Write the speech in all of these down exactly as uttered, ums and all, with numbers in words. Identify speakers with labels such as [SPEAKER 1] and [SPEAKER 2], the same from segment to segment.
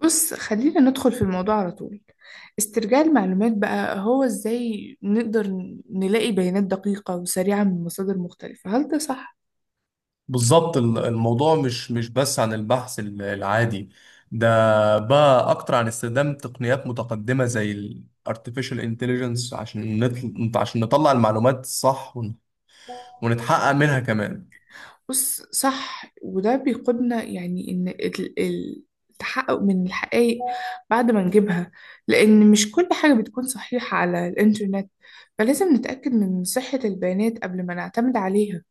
[SPEAKER 1] بص، خلينا ندخل في الموضوع على طول. استرجاع المعلومات بقى هو ازاي نقدر نلاقي بيانات دقيقة وسريعة من مصادر مختلفة، هل ده صح؟
[SPEAKER 2] بالظبط ال- الموضوع مش مش بس عن البحث ال- العادي ده. بقى اكتر عن استخدام تقنيات متقدمة زي ال artificial intelligence عشان نطل... عشان نطلع المعلومات الصح ون... ونتحقق منها كمان.
[SPEAKER 1] بص، صح. وده بيقودنا يعني ان ال- ال- التحقق من الحقائق بعد ما نجيبها، لان مش كل حاجة بتكون صحيحة على الانترنت، فلازم نتأكد من صحة البيانات قبل ما نعتمد عليها.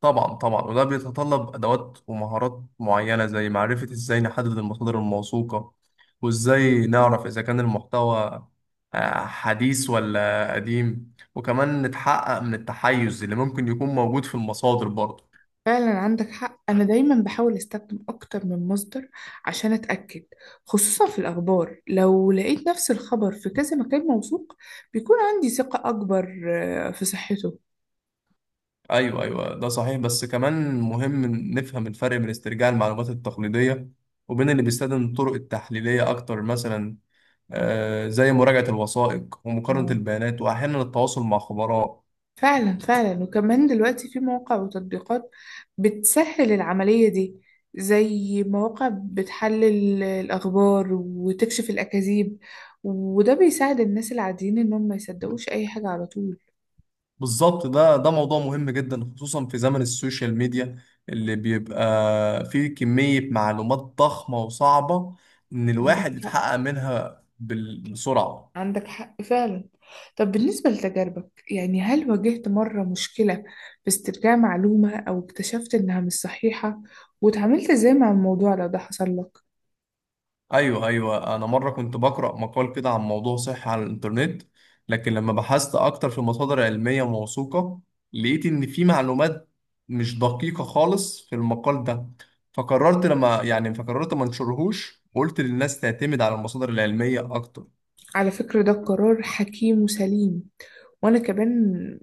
[SPEAKER 2] طبعا طبعا وده بيتطلب ادوات ومهارات معينة زي معرفة ازاي نحدد المصادر الموثوقة، وازاي نعرف اذا كان المحتوى آه، حديث ولا قديم، وكمان نتحقق من التحيز اللي ممكن يكون موجود في المصادر برضه.
[SPEAKER 1] فعلا عندك حق. أنا دايما بحاول أستخدم أكتر من مصدر عشان أتأكد، خصوصا في الأخبار. لو لقيت نفس الخبر في كذا مكان موثوق بيكون عندي ثقة أكبر آه، في صحته.
[SPEAKER 2] ايوه ايوه ده صحيح، بس كمان مهم نفهم الفرق بين استرجاع المعلومات التقليديه وبين اللي بيستخدم الطرق التحليليه اكتر. مثلا آه زي مراجعه الوثائق ومقارنه
[SPEAKER 1] اه،
[SPEAKER 2] البيانات واحيانا التواصل مع خبراء.
[SPEAKER 1] فعلا فعلا. وكمان دلوقتي في مواقع وتطبيقات بتسهل العملية دي، زي مواقع بتحلل الأخبار وتكشف الأكاذيب، وده بيساعد الناس العاديين إنهم ما يصدقوش أي حاجة على طول.
[SPEAKER 2] بالظبط، ده ده موضوع مهم جدا خصوصا في زمن السوشيال ميديا، اللي بيبقى فيه كميه معلومات ضخمه وصعبه ان
[SPEAKER 1] عندك
[SPEAKER 2] الواحد
[SPEAKER 1] حق،
[SPEAKER 2] يتحقق منها بال- بسرعه.
[SPEAKER 1] عندك حق فعلا. طب بالنسبة لتجاربك يعني، هل واجهت مرة مشكلة في استرجاع معلومة أو اكتشفت إنها مش صحيحة واتعاملت إزاي مع الموضوع لو ده حصل لك؟
[SPEAKER 2] ايوه ايوه انا مره كنت بقرا مقال كده عن موضوع صحي على الانترنت، لكن لما بحثت اكتر في مصادر علميه موثوقه لقيت ان في معلومات مش دقيقه خالص في المقال ده. فقررت لما يعني فقررت ما انشرهوش وقلت للناس تعتمد على المصادر العلميه اكتر.
[SPEAKER 1] على فكرة ده قرار حكيم وسليم. وأنا كمان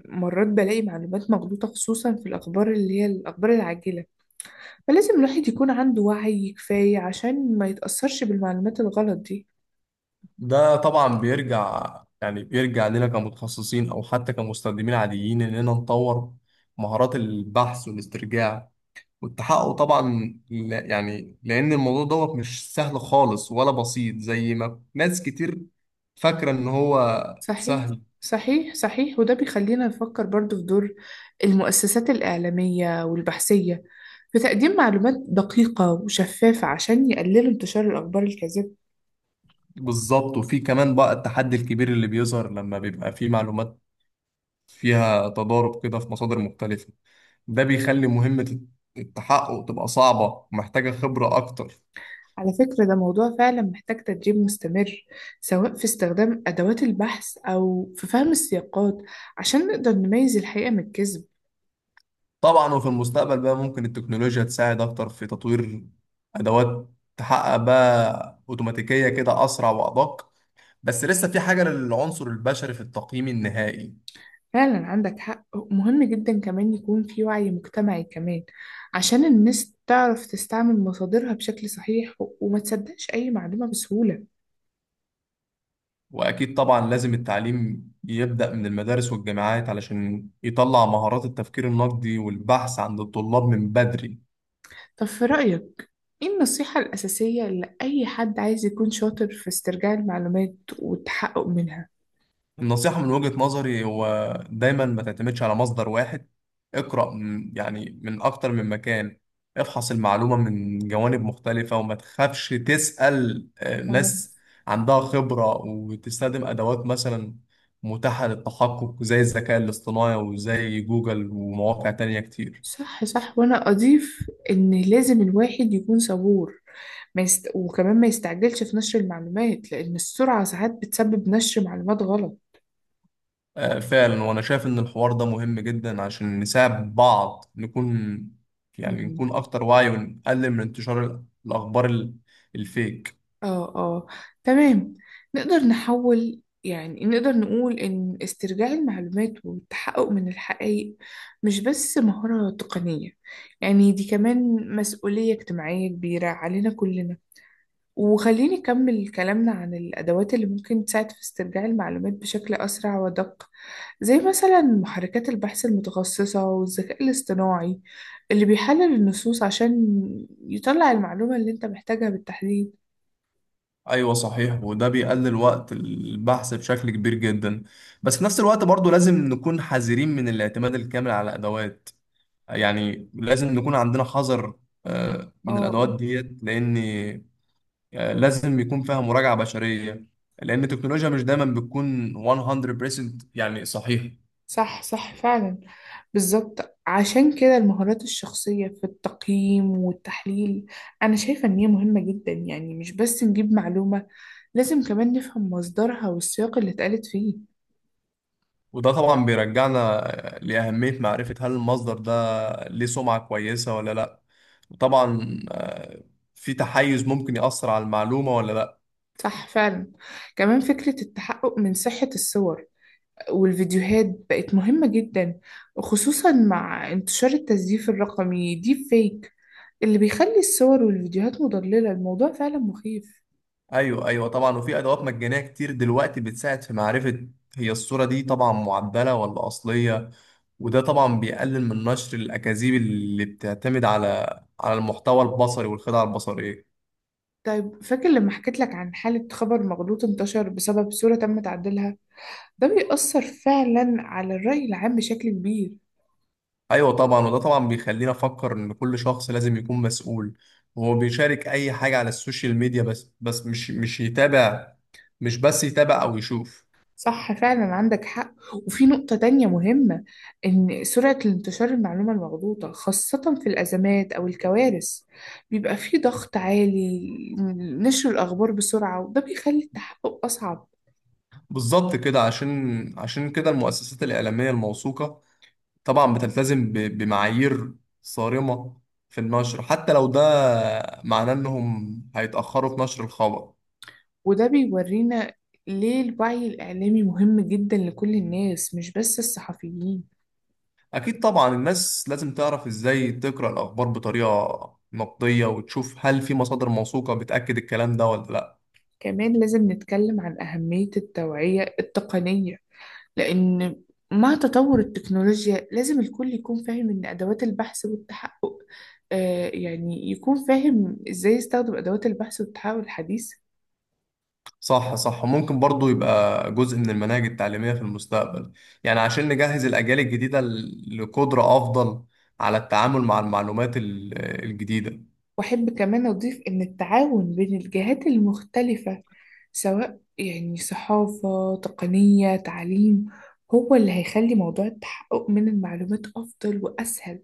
[SPEAKER 1] مرات بلاقي معلومات مغلوطة، خصوصا في الأخبار اللي هي الأخبار العاجلة، فلازم الواحد يكون عنده وعي كفاية عشان ما يتأثرش بالمعلومات الغلط دي.
[SPEAKER 2] ده طبعا بيرجع، يعني بيرجع لنا كمتخصصين او حتى كمستخدمين عاديين، اننا نطور مهارات البحث والاسترجاع والتحقق طبعا. لا- يعني لان الموضوع دوت مش سهل خالص ولا بسيط زي ما ناس كتير فاكره ان هو
[SPEAKER 1] صحيح،
[SPEAKER 2] سهل.
[SPEAKER 1] صحيح صحيح. وده بيخلينا نفكر برضو في دور المؤسسات الإعلامية والبحثية في تقديم معلومات دقيقة وشفافة عشان يقللوا انتشار الأخبار الكاذبة.
[SPEAKER 2] بالظبط، وفي كمان بقى التحدي الكبير اللي بيظهر لما بيبقى في معلومات فيها تضارب كده في مصادر مختلفه. ده بيخلي مهمه التحقق تبقى صعبه ومحتاجه خبره اكتر.
[SPEAKER 1] على فكرة ده موضوع فعلا محتاج تدريب مستمر، سواء في استخدام أدوات البحث أو في فهم السياقات، عشان نقدر نميز الحقيقة من الكذب.
[SPEAKER 2] طبعا، وفي المستقبل بقى ممكن التكنولوجيا تساعد اكتر في تطوير ادوات تحقق بقى اوتوماتيكيه كده، اسرع وادق. بس لسه في حاجة للعنصر البشري في التقييم النهائي.
[SPEAKER 1] فعلا عندك حق. مهم جدا كمان يكون في وعي مجتمعي كمان، عشان الناس تعرف تستعمل مصادرها بشكل صحيح و- وما تصدقش أي معلومة بسهولة.
[SPEAKER 2] وأكيد طبعا لازم التعليم يبدأ من المدارس والجامعات علشان يطلع مهارات التفكير النقدي والبحث عند الطلاب من بدري.
[SPEAKER 1] طب في رأيك إيه النصيحة الأساسية لأي حد عايز يكون شاطر في استرجاع المعلومات والتحقق منها؟
[SPEAKER 2] النصيحة من وجهة نظري هو دايما ما تعتمدش على مصدر واحد. اقرأ من يعني من أكتر من مكان، افحص المعلومة من جوانب مختلفة وما تخافش تسأل آه،
[SPEAKER 1] مم.
[SPEAKER 2] ناس عندها خبرة، وتستخدم أدوات مثلا متاحة للتحقق زي الذكاء الاصطناعي وزي جوجل ومواقع تانية كتير.
[SPEAKER 1] صح صح. وأنا أضيف إن لازم الواحد يكون صبور. ما يست... وكمان ما يستعجلش في نشر المعلومات، لأن السرعة ساعات بتسبب نشر معلومات غلط.
[SPEAKER 2] آه، فعلا، وأنا شايف إن الحوار ده مهم جدا عشان نساعد بعض نكون، يعني نكون أكتر وعي ونقلل من انتشار الأخبار ال- الفيك.
[SPEAKER 1] اه، اه. تمام. نقدر نحول، يعني نقدر نقول إن استرجاع المعلومات والتحقق من الحقائق مش بس مهارة تقنية، يعني دي كمان مسؤولية اجتماعية كبيرة علينا كلنا. وخليني أكمل كلامنا عن الأدوات اللي ممكن تساعد في استرجاع المعلومات بشكل أسرع ودق، زي مثلا محركات البحث المتخصصة والذكاء الاصطناعي اللي بيحلل النصوص عشان يطلع المعلومة اللي أنت محتاجها بالتحديد.
[SPEAKER 2] ايوه صحيح، وده بيقلل وقت البحث بشكل كبير جدا، بس في نفس الوقت برضو لازم نكون حذرين من الاعتماد الكامل على ادوات. يعني لازم نكون عندنا حذر آه،
[SPEAKER 1] اه،
[SPEAKER 2] من
[SPEAKER 1] اه.
[SPEAKER 2] الادوات ديت. لان آه، لازم يكون فيها مراجعة بشرية، لان التكنولوجيا مش دايما بتكون مية بالمية يعني صحيح.
[SPEAKER 1] صح صح فعلا. بالظبط، عشان كده المهارات الشخصية في التقييم والتحليل أنا شايفة إن هي مهمة جدا. يعني مش بس نجيب معلومة، لازم كمان نفهم مصدرها والسياق اللي اتقالت فيه.
[SPEAKER 2] وده طبعا بيرجعنا آه، لأهمية معرفة هل المصدر ده ليه سمعة كويسة ولا لا، وطبعا آه، في تحيز ممكن يأثر على المعلومة ولا.
[SPEAKER 1] صح فعلا. كمان فكرة التحقق من صحة الصور والفيديوهات بقت مهمة جدا، وخصوصا مع انتشار التزييف الرقمي ديب فيك اللي بيخلي الصور والفيديوهات مضللة. الموضوع فعلا مخيف.
[SPEAKER 2] ايوه ايوه طبعا، وفي ادوات مجانيه كتير دلوقتي بتساعد في معرفه هي الصوره دي طبعا معدله ولا اصليه. وده طبعا بيقلل من نشر الاكاذيب اللي بتعتمد على على المحتوى البصري والخدع البصريه.
[SPEAKER 1] طيب، فاكر لما حكيت لك عن حالة خبر مغلوط انتشر بسبب صورة تم تعديلها؟ ده بيأثر فعلا على الرأي العام بشكل كبير.
[SPEAKER 2] ايوه طبعا، وده طبعا بيخلينا نفكر ان كل شخص لازم يكون مسؤول وهو بيشارك اي حاجه على السوشيال ميديا، بس بس مش مش يتابع، مش بس يتابع او يشوف.
[SPEAKER 1] صح فعلا، عندك حق. وفي نقطة تانية مهمة، إن سرعة الانتشار المعلومة المغلوطة خاصة في الأزمات أو الكوارث بيبقى فيه ضغط عالي نشر الأخبار بسرعة، وده بيخلي التحقق أصعب.
[SPEAKER 2] بالظبط كده، عشان عشان كده المؤسسات الاعلاميه الموثوقه طبعا بتلتزم ب- بمعايير صارمة في النشر، حتى لو ده معناه إنهم هيتأخروا في نشر الخبر.
[SPEAKER 1] وده بيورينا ليه الوعي الإعلامي مهم جدا لكل الناس مش بس الصحفيين.
[SPEAKER 2] أكيد طبعا، الناس لازم تعرف إزاي تقرأ الأخبار بطريقة نقدية، وتشوف هل في مصادر موثوقة بتأكد الكلام ده ولا لأ.
[SPEAKER 1] كمان لازم نتكلم عن أهمية التوعية التقنية، لأن مع تطور التكنولوجيا لازم الكل يكون فاهم إن أدوات البحث والتحقق آه يعني يكون فاهم إزاي يستخدم أدوات البحث والتحقق الحديث.
[SPEAKER 2] صح صح ممكن برضو يبقى جزء من المناهج التعليمية في المستقبل، يعني عشان نجهز الأجيال الجديدة ل- لقدرة أفضل على التعامل مع المعلومات ال- الجديدة.
[SPEAKER 1] وأحب كمان أضيف إن التعاون بين الجهات المختلفة، سواء يعني صحافة تقنية تعليم، هو اللي هيخلي موضوع التحقق من المعلومات أفضل وأسهل.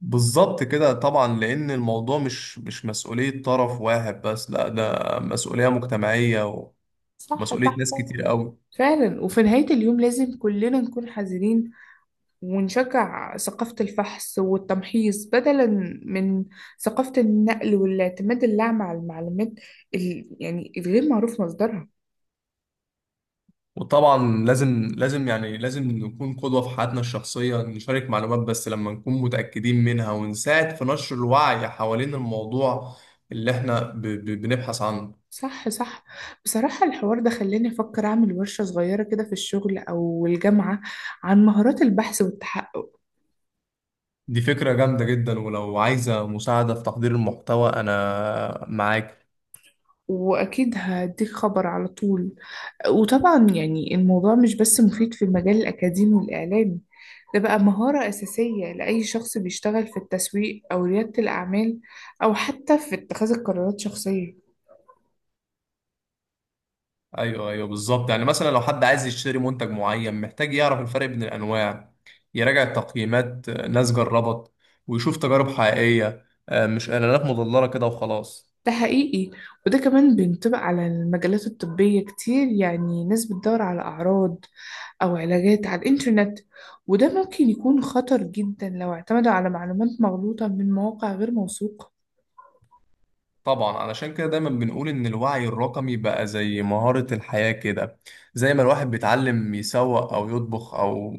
[SPEAKER 2] بالظبط كده، طبعا لأن الموضوع مش مش مسؤولية طرف واحد بس، لا ده مسؤولية مجتمعية
[SPEAKER 1] صح
[SPEAKER 2] ومسؤولية
[SPEAKER 1] صح
[SPEAKER 2] ناس كتير قوي.
[SPEAKER 1] فعلا. وفي نهاية اليوم لازم كلنا نكون حذرين ونشجع ثقافة الفحص والتمحيص بدلا من ثقافة النقل والاعتماد الأعمى على المعلومات ال... يعني الغير معروف مصدرها.
[SPEAKER 2] وطبعا لازم لازم يعني لازم نكون قدوة في حياتنا الشخصية، نشارك معلومات بس لما نكون متأكدين منها، ونساعد في نشر الوعي حوالين الموضوع اللي احنا ب ب بنبحث عنه.
[SPEAKER 1] صح صح. بصراحة الحوار ده خلاني أفكر أعمل ورشة صغيرة كده في الشغل أو الجامعة عن مهارات البحث والتحقق.
[SPEAKER 2] دي فكرة جامدة جدا، ولو عايزة مساعدة في تحضير المحتوى أنا معاك.
[SPEAKER 1] وأكيد هديك خبر على طول. وطبعا يعني الموضوع مش بس مفيد في المجال الأكاديمي والإعلامي، ده بقى مهارة أساسية لأي شخص بيشتغل في التسويق أو ريادة الأعمال، أو حتى في اتخاذ القرارات شخصية.
[SPEAKER 2] ايوه ايوه بالظبط، يعني مثلا لو حد عايز يشتري منتج معين محتاج يعرف الفرق بين الانواع، يراجع التقييمات آه، ناس جربت، ويشوف تجارب حقيقية آه، مش إعلانات مضللة كده وخلاص.
[SPEAKER 1] ده حقيقي. وده كمان بينطبق على المجالات الطبية كتير، يعني ناس بتدور على أعراض أو علاجات على الإنترنت، وده ممكن يكون خطر جدا لو اعتمدوا على معلومات مغلوطة من مواقع غير موثوقة.
[SPEAKER 2] طبعا، علشان كده دايما بنقول إن الوعي الرقمي بقى زي مهارة الحياة كده. زي ما الواحد بيتعلم يسوق أو يطبخ أو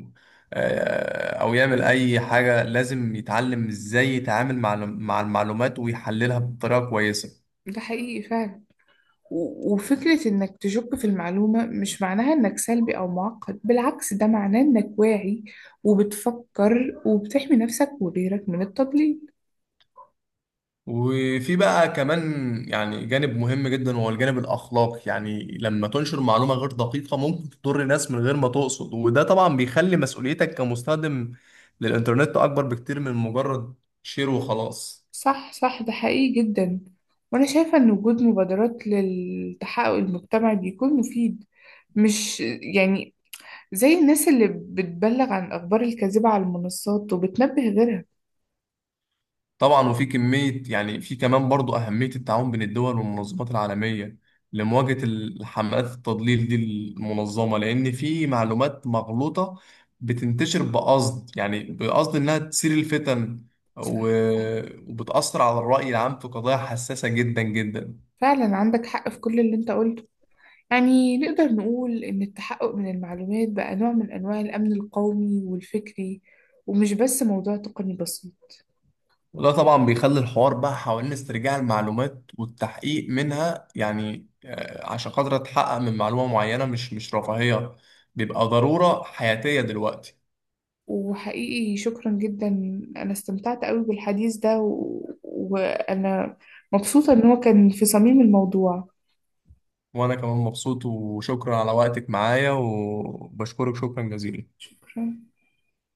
[SPEAKER 2] آه، أو يعمل أي حاجة، لازم يتعلم إزاي يتعامل مع مع المعلومات ويحللها بطريقة كويسة.
[SPEAKER 1] ده حقيقي فعلا. و- وفكرة إنك تشك في المعلومة مش معناها إنك سلبي أو معقد، بالعكس ده معناه إنك واعي وبتفكر وبتحمي نفسك وغيرك من التضليل.
[SPEAKER 2] وفي بقى كمان يعني جانب مهم جدا وهو الجانب الأخلاقي، يعني لما تنشر معلومة غير دقيقة ممكن تضر ناس من غير ما تقصد، وده طبعا بيخلي مسؤوليتك كمستخدم للإنترنت أكبر بكتير من مجرد شير وخلاص.
[SPEAKER 1] صح صح، ده حقيقي جدا. وأنا شايفة إن وجود مبادرات للتحقق المجتمعي بيكون مفيد. مش يعني، زي الناس اللي بتبلغ عن الأخبار الكاذبة على المنصات وبتنبه غيرها.
[SPEAKER 2] طبعا، وفي كمية يعني في كمان برضو أهمية التعاون بين الدول والمنظمات العالمية لمواجهة الحملات التضليل دي المنظمة، لأن في معلومات مغلوطة بتنتشر بقصد، يعني بقصد إنها تثير الفتن
[SPEAKER 1] صح
[SPEAKER 2] و- وبتأثر على الرأي العام في قضايا حساسة جدا جدا.
[SPEAKER 1] فعلا عندك حق في كل اللي أنت قلته. يعني نقدر نقول إن التحقق من المعلومات بقى نوع من أنواع الأمن القومي والفكري، ومش بس موضوع تقني بسيط.
[SPEAKER 2] وده طبعا بيخلي الحوار بقى حوالين استرجاع المعلومات والتحقيق منها، يعني آه، عشان خاطر أتحقق من معلومة معينة، مش مش رفاهية، بيبقى ضرورة حياتية دلوقتي.
[SPEAKER 1] وحقيقي شكرا جدا، أنا استمتعت قوي بالحديث ده و... وأنا مبسوطة إن هو كان في صميم الموضوع.
[SPEAKER 2] وانا كمان مبسوط، وشكرا على وقتك معايا، وبشكرك شكرا جزيلا.
[SPEAKER 1] شكرا.